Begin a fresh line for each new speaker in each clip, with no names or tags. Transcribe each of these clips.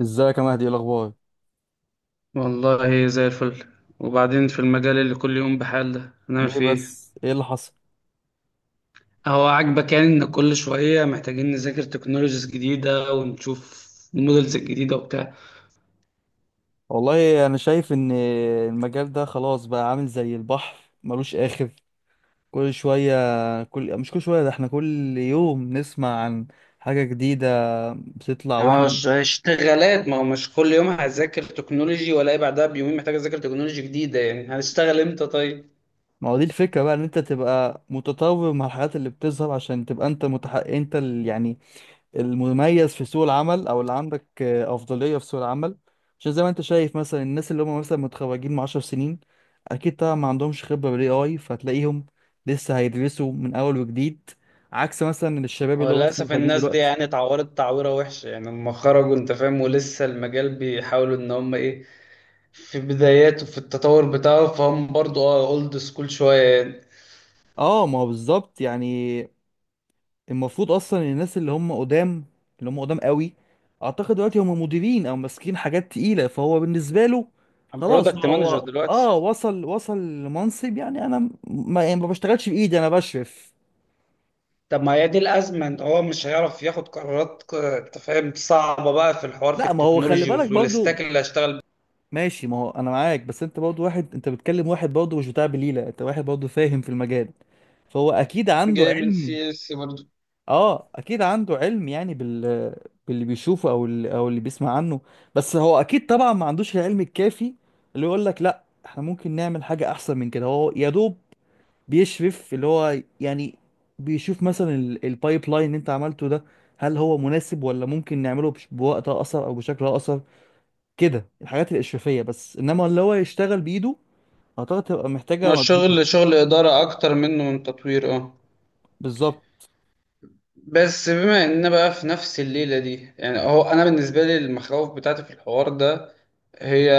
ازيك يا مهدي، ايه الاخبار؟
والله زي الفل. وبعدين في المجال اللي كل يوم بحال ده هنعمل
ليه
فيه ايه؟
بس؟ ايه اللي حصل؟
هو عاجبك يعني ان كل شوية محتاجين نذاكر تكنولوجيز جديدة ونشوف المودلز الجديدة وبتاع؟
والله انا شايف ان المجال ده خلاص بقى عامل زي البحر، ملوش اخر. كل شويه كل مش كل شويه، ده احنا كل يوم نسمع عن حاجه جديده بتطلع واحنا.
اشتغالات، ما هو مش كل يوم هذاكر تكنولوجي ولا بعدها بيومين محتاج اذاكر تكنولوجي جديدة، يعني هنشتغل امتى طيب؟
ما هو دي الفكره بقى، ان انت تبقى متطور مع الحاجات اللي بتظهر عشان تبقى انت متحقق، انت اللي يعني المميز في سوق العمل، او اللي عندك افضليه في سوق العمل، عشان زي ما انت شايف، مثلا الناس اللي هم مثلا متخرجين من 10 سنين اكيد طبعا ما عندهمش خبره بالاي اي، فتلاقيهم لسه هيدرسوا من اول وجديد، عكس مثلا الشباب اللي هم لسه
وللأسف
متخرجين
الناس دي
دلوقتي.
يعني اتعورت تعويرة وحشة يعني لما خرجوا انت فاهم، ولسه المجال بيحاولوا ان هم ايه، في بداياته في التطور بتاعه، فهم برضو اولد سكول شوية يعني.
اه، ما هو بالظبط يعني. المفروض اصلا الناس اللي هم قدام، اللي هم قدام قوي، اعتقد دلوقتي هم مديرين او ماسكين حاجات تقيله، فهو بالنسبه له خلاص
برودكت مانجر
هو
دلوقتي.
اه وصل، وصل لمنصب، يعني انا م- ما, يعني ما بشتغلش بايدي، انا بشرف.
طب ما هي دي الأزمة، إن هو مش هيعرف ياخد قرارات أنت فاهم صعبة بقى في الحوار في
لا، ما هو خلي
التكنولوجي
بالك برضو.
والستاك اللي هشتغل
ماشي، ما هو انا معاك، بس انت برضو واحد، انت بتكلم واحد برضو مش بتاع بليله، انت واحد برضو فاهم في المجال، فهو اكيد
بيه.
عنده
جاي من
علم.
CS برضه.
اه، اكيد عنده علم، يعني باللي بيشوفه، او اللي بيسمع عنه، بس هو اكيد طبعا ما عندوش العلم الكافي اللي يقول لك لا، احنا ممكن نعمل حاجة احسن من كده. هو يا دوب بيشرف، اللي هو يعني بيشوف مثلا البايب لاين اللي انت عملته ده، هل هو مناسب، ولا ممكن نعمله بوقت اقصر او بشكل اقصر، كده الحاجات الاشرافية بس، انما اللي هو يشتغل بايده اعتقد تبقى
هو
محتاجة مجهود.
الشغل شغل إدارة أكتر منه من تطوير، أه.
بالظبط.
بس بما إننا بقى في نفس الليلة دي، يعني هو أنا بالنسبة لي المخاوف بتاعتي في الحوار ده هي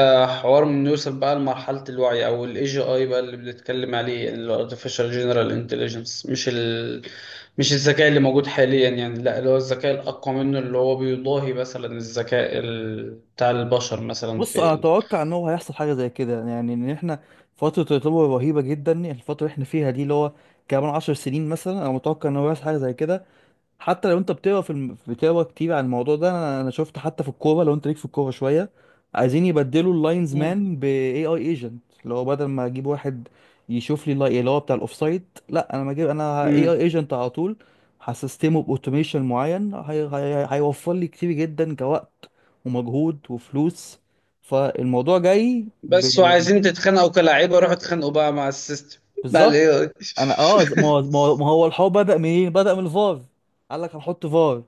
حوار من نوصل بقى لمرحلة الوعي أو ال AGI بقى اللي بنتكلم عليه، يعني ال Artificial General Intelligence، مش الذكاء اللي موجود حاليا يعني، لا اللي هو الذكاء الأقوى منه اللي هو بيضاهي مثلا الذكاء بتاع البشر مثلا
بص،
في
انا اتوقع ان هو هيحصل حاجه زي كده، يعني ان احنا فتره الرطوبه رهيبه جدا، الفتره اللي احنا فيها دي، اللي هو كمان 10 سنين مثلا، انا متوقع ان هو هيحصل حاجه زي كده. حتى لو انت بتقرا كتير عن الموضوع ده، انا شفت حتى في الكوره، لو انت ليك في الكوره شويه، عايزين يبدلوا اللاينز
مم.
مان باي اي اي ايجنت، اللي هو بدل ما اجيب واحد يشوف لي اللي هو بتاع الاوفسايد، لا انا ما اجيب، انا اي اي
مم.
ايجنت على طول، هسيستمه باوتوميشن معين، هيوفر لي كتير جدا كوقت ومجهود وفلوس. فالموضوع جاي
بس وعايزين تتخانقوا كلاعيبة، روحوا اتخانقوا بقى مع السيستم، مع ال
بالظبط.
AI
انا ما هو الحوار بدأ منين؟ بدأ من الفار، قال لك هنحط فار،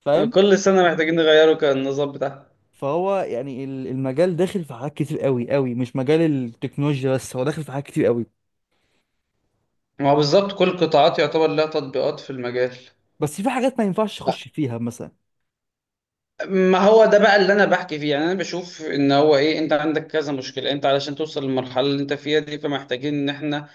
فاهم.
كل سنة محتاجين نغيروا كان النظام بتاعها.
فهو يعني المجال داخل في حاجات كتير قوي قوي، مش مجال التكنولوجيا بس، هو داخل في حاجات كتير قوي،
ما هو بالظبط، كل قطاعات يعتبر لها تطبيقات في المجال.
بس في حاجات ما ينفعش اخش فيها مثلا.
ما هو ده بقى اللي انا بحكي فيه، يعني انا بشوف ان هو ايه، انت عندك كذا مشكله، انت علشان توصل للمرحله اللي انت فيها دي فمحتاجين ان احنا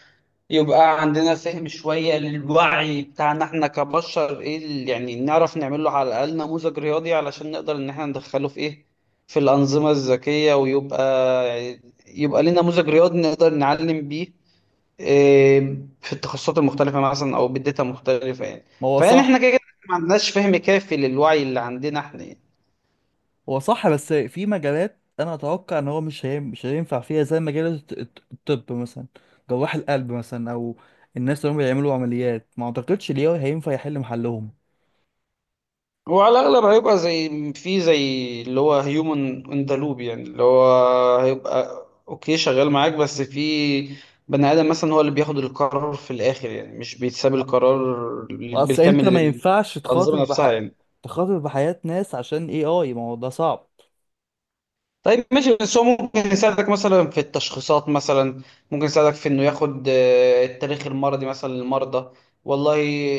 يبقى عندنا فهم شويه للوعي بتاعنا احنا كبشر، ايه اللي يعني نعرف نعمل له على الاقل نموذج رياضي علشان نقدر ان احنا ندخله في ايه، في الانظمه الذكيه، ويبقى ليه نموذج رياضي نقدر نعلم بيه إيه، في التخصصات المختلفه مثلا او بالداتا مختلفه يعني.
ما هو
فيعني احنا كده
صح.
كده ما عندناش فهم كافي للوعي اللي عندنا احنا يعني.
هو صح، بس في مجالات انا اتوقع ان هو مش هينفع فيها، زي مجال الطب مثلا، جراح القلب مثلا، او الناس اللي هم بيعملوا عمليات ما اعتقدش ليه هينفع يحل محلهم.
هو على الأغلب هيبقى زي في زي اللي هو هيومن ان ذا لوب، يعني اللي هو هيبقى اوكي شغال معاك، بس في بني آدم مثلا هو اللي بياخد القرار في الآخر، يعني مش بيتساب القرار
اصل انت
بالكامل
ما ينفعش
للأنظمة نفسها يعني.
تخاطر بحياة ناس عشان اي اي، ما هو ده صعب.
طيب ماشي، بس هو ممكن يساعدك مثلا في التشخيصات مثلا، ممكن يساعدك في انه ياخد التاريخ المرضي مثلا للمرضى. والله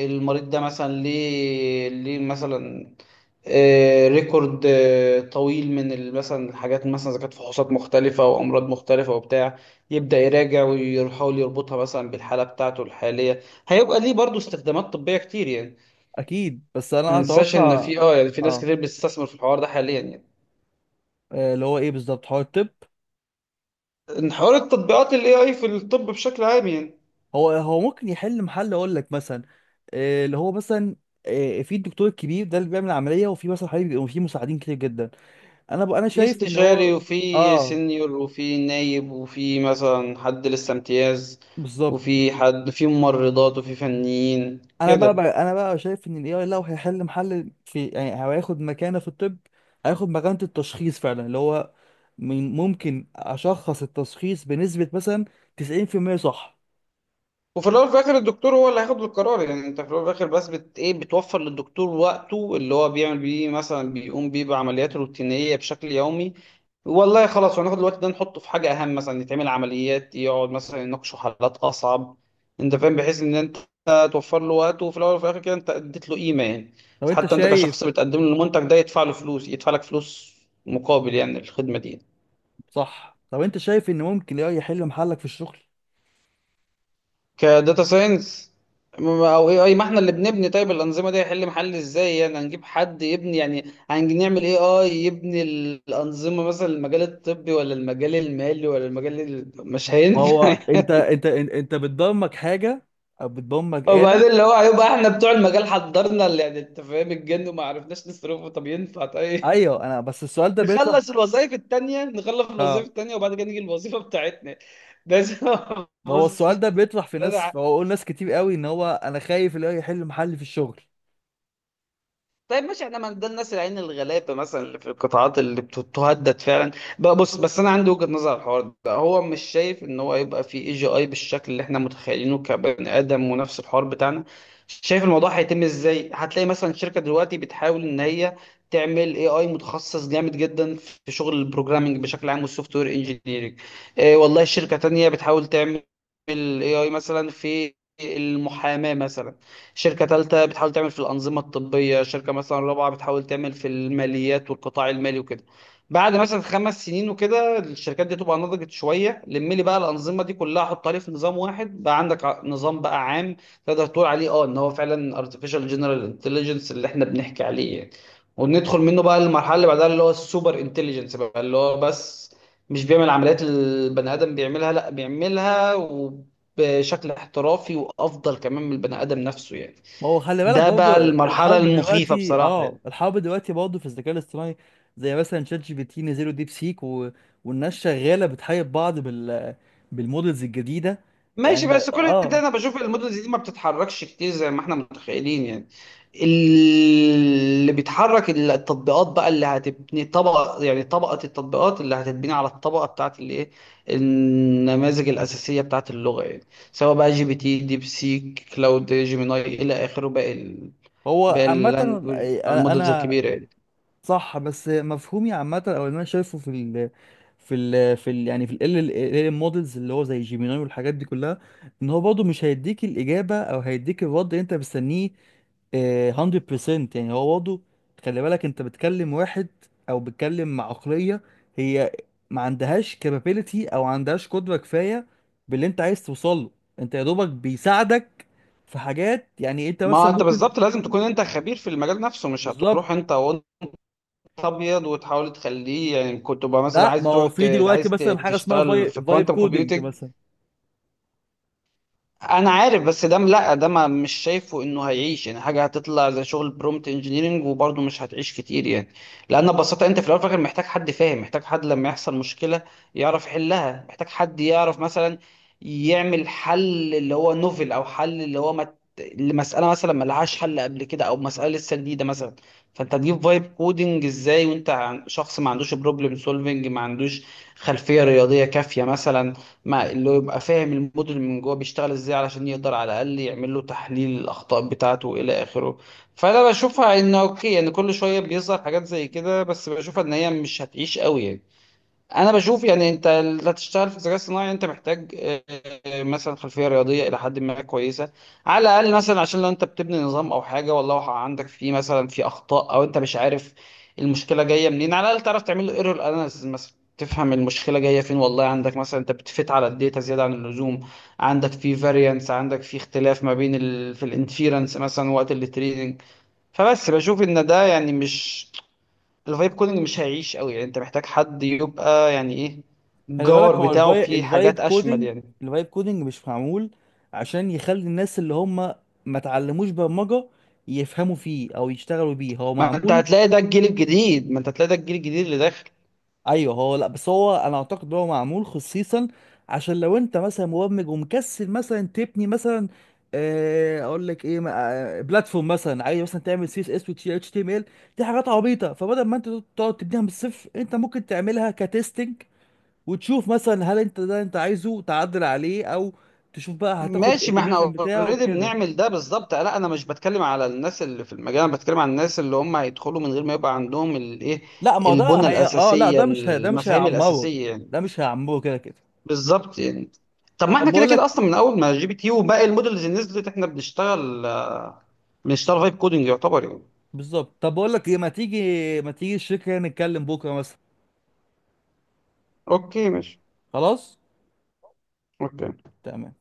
المريض ده مثلا، ليه مثلا ريكورد طويل مثلا الحاجات، مثلا اذا كانت فحوصات مختلفه او امراض مختلفه وبتاع، يبدا يراجع ويحاول يربطها مثلا بالحاله بتاعته الحاليه. هيبقى ليه برضه استخدامات طبيه كتير يعني.
اكيد، بس
ما
انا
ننساش ان
اتوقع
في يعني في ناس
اه
كتير بتستثمر في الحوار ده حاليا يعني.
اللي هو ايه بالظبط، هو الطب،
إن حوار التطبيقات ال AI في الطب بشكل عام يعني.
هو ممكن يحل محل، اقول لك مثلا اللي هو مثلا في الدكتور الكبير ده اللي بيعمل العمليه، وفي مثلا حبيبي بيبقوا في مساعدين كتير جدا. انا
في
شايف ان
استشاري
هو.
وفي
اه.
سينيور وفي نايب وفي مثلا حد لسه امتياز،
بالظبط.
وفي حد في ممرضات وفي فنيين
انا بقى,
كده.
بقى انا بقى شايف ان الاي اي لو هيحل محل في، يعني هو هياخد مكانه في الطب، هياخد مكانه التشخيص فعلا، اللي هو ممكن اشخص التشخيص بنسبه مثلا 90% صح.
وفي الاول وفي الاخر الدكتور هو اللي هياخد القرار، يعني انت في الاول وفي الاخر بس بت ايه، بتوفر للدكتور وقته اللي هو بيعمل بيه مثلا، بيقوم بيه بعمليات روتينيه بشكل يومي. والله خلاص هناخد الوقت ده نحطه في حاجه اهم، مثلا يتعمل عمليات، يقعد مثلا يناقشوا حالات اصعب، انت فاهم، بحيث ان انت توفر له وقته، وفي الاول وفي الاخر كده انت اديت له قيمه يعني.
طب انت
فحتى انت
شايف
كشخص بتقدم له المنتج ده، يدفع له فلوس، يدفع لك فلوس مقابل يعني الخدمه دي.
صح طب انت شايف ان ممكن الاي اي يحل محلك في الشغل؟
كداتا ساينس او اي اي، ما احنا اللي بنبني، طيب الانظمه دي هيحل محل ازاي يعني؟ هنجيب حد يبني؟ يعني هنعمل اي اي يبني الانظمه مثلا المجال الطبي ولا المجال المالي ولا المجال مش
ما
هينفع
هو انت انت انت انت بتضمك حاجه او بتضمك آلة.
وبعدين اللي هو هيبقى احنا بتوع المجال حضرنا، اللي يعني انت فاهم الجن وما عرفناش نصرفه، طب ينفع طيب؟
ايوه، انا بس السؤال ده بيطرح.
نخلص الوظائف
اه
التانية وبعد كده نيجي الوظيفة بتاعتنا بس.
ما هو
بص.
السؤال ده بيطرح في ناس، فهو قول ناس كتير قوي ان هو انا خايف اللي هو يحل محل في الشغل.
طيب ماشي، احنا ما ده الناس العين الغلابه مثلا اللي في القطاعات اللي تهدد فعلا بقى. بص، بس انا عندي وجهه نظر على الحوار ده، هو مش شايف ان هو يبقى في AGI بالشكل اللي احنا متخيلينه كبني ادم ونفس الحوار بتاعنا. شايف الموضوع هيتم ازاي؟ هتلاقي مثلا شركه دلوقتي بتحاول ان هي تعمل اي اي متخصص جامد جدا في شغل البروجرامنج بشكل عام والسوفت وير انجينيرنج. إيه والله شركه تانية بتحاول تعمل اي اي مثلا في المحاماه مثلا، شركة ثالثة بتحاول تعمل في الأنظمة الطبية، شركة مثلا رابعة بتحاول تعمل في الماليات والقطاع المالي وكده. بعد مثلا 5 سنين وكده الشركات دي تبقى نضجت شوية، لم لي بقى الأنظمة دي كلها، حطها لي في نظام واحد، بقى عندك نظام بقى عام تقدر تقول عليه ان هو فعلا artificial general intelligence اللي احنا بنحكي عليه يعني. وندخل منه بقى المرحلة اللي بعدها اللي هو السوبر انتليجنس بقى، اللي هو بس مش بيعمل عمليات البني آدم بيعملها، لا، بيعملها بشكل احترافي وافضل كمان من البني ادم نفسه يعني.
ما هو خلي بالك
ده
برضو،
بقى المرحله
الحرب
المخيفه
دلوقتي
بصراحه يعني.
برضو في الذكاء الاصطناعي، زي مثلا شات جي بي تي، نزلوا ديب سيك و...، والناس شغاله بتحارب بعض بالمودلز الجديده.
ماشي،
يعني
بس كل ده
اه
انا بشوف المدن دي ما بتتحركش كتير زي ما احنا متخيلين يعني. اللي بيتحرك التطبيقات بقى، اللي هتبني طبقه يعني، طبقه التطبيقات اللي هتتبني على الطبقه بتاعت الايه، النماذج الاساسيه بتاعت اللغه يعني، سواء بقى GPT، ديب سيك، كلاود، جيميناي، الى اخره،
هو
باقي
عامه
اللانجوج
انا
المودلز
انا
الكبيره يعني.
صح، بس مفهومي عامة او اللي انا شايفه في ال في ال في ال يعني في ال ال ال مودلز اللي هو زي جيميناي والحاجات دي كلها، ان هو برضه مش هيديك الاجابه، او هيديك الرد اللي انت مستنيه. 100%. يعني هو برضه، خلي بالك انت بتكلم واحد، او بتكلم مع عقليه هي ما عندهاش كابابيلتي، او ما عندهاش قدره كفايه باللي انت عايز توصله، انت يا دوبك بيساعدك في حاجات، يعني انت
ما
مثلا
انت
ممكن.
بالظبط لازم تكون انت خبير في المجال نفسه، مش
بالظبط.
هتروح انت وانت ابيض وتحاول تخليه يعني، كنت بقى مثلا
لا،
عايز
ما هو
تروح
في دلوقتي مثلا حاجه اسمها
تشتغل في
فايب
كوانتم
كودنج
كومبيوتنج.
مثلا.
انا عارف، بس ده لا ده ما مش شايفه انه هيعيش يعني، حاجه هتطلع زي شغل برومت انجينيرنج وبرضه مش هتعيش كتير يعني. لان ببساطه انت في الاول وفي الاخر محتاج حد فاهم، محتاج حد لما يحصل مشكله يعرف يحلها، محتاج حد يعرف مثلا يعمل حل اللي هو نوفل او حل اللي هو لمساله مثلا ما لهاش حل قبل كده او مساله لسه جديده مثلا. فانت تجيب فايب كودنج ازاي وانت شخص ما عندوش بروبلم سولفنج، ما عندوش خلفيه رياضيه كافيه مثلا، مع اللي هو يبقى فاهم الموديل من جوه بيشتغل ازاي علشان يقدر على الاقل يعمل له تحليل الاخطاء بتاعته الى اخره. فانا بشوفها ان اوكي يعني كل شويه بيظهر حاجات زي كده، بس بشوفها ان هي مش هتعيش قوي يعني. انا بشوف يعني انت اللي هتشتغل في الذكاء الصناعي انت محتاج مثلا خلفيه رياضيه الى حد ما كويسه، على الاقل مثلا عشان لو انت بتبني نظام او حاجه والله عندك فيه مثلا في اخطاء او انت مش عارف المشكله جايه منين، على الاقل تعرف تعمل له ايرور اناليسيس مثلا، تفهم المشكله جايه فين، والله عندك مثلا انت بتفت على الداتا زياده عن اللزوم، عندك في فاريانس، عندك في اختلاف ما بين في الانفيرنس مثلا وقت التريدنج. فبس بشوف ان ده يعني مش، الفايب كودنج مش هيعيش قوي يعني، انت محتاج حد يبقى يعني ايه
خلي بالك
الجوهر
هو
بتاعه فيه حاجات اشمل يعني.
الفايب كودنج مش معمول عشان يخلي الناس اللي هم ما اتعلموش برمجه يفهموا فيه او يشتغلوا بيه، هو
ما انت
معمول.
هتلاقي ده الجيل الجديد ما انت هتلاقي ده الجيل الجديد اللي داخل.
ايوه هو، لا، بس هو انا اعتقد هو معمول خصيصا عشان لو انت مثلا مبرمج ومكسل مثلا تبني مثلا اقول لك ايه، بلاتفورم مثلا، عايز مثلا تعمل سي اس اس وتي اتش تي ام ال، دي حاجات عبيطه، فبدل ما انت تقعد تبنيها من الصفر، انت ممكن تعملها كتستنج، وتشوف مثلا هل انت ده انت عايزه تعدل عليه، او تشوف بقى هتاخد
ماشي، ما احنا
الاوتوميشن بتاعه
اوريدي
كده.
بنعمل ده بالظبط، لا انا مش بتكلم على الناس اللي في المجال، انا بتكلم على الناس اللي هم هيدخلوا من غير ما يبقى عندهم الايه،
لا ما هو ده
البنى
هي اه لا،
الاساسيه،
ده مش هي... ده مش
المفاهيم
هيعمره،
الاساسيه يعني.
ده مش هيعمره كده كده.
بالظبط يعني. طب ما
طب
احنا كده
بقول
كده
لك
اصلا من اول ما جي بي تي وباقي المودلز اللي نزلت احنا بنشتغل، بنشتغل فايب كودنج يعتبر يعني.
بالظبط. طب بقول لك ايه، ما تيجي الشركه نتكلم بكره مثلا.
اوكي ماشي.
خلاص.
أوكي.
تمام.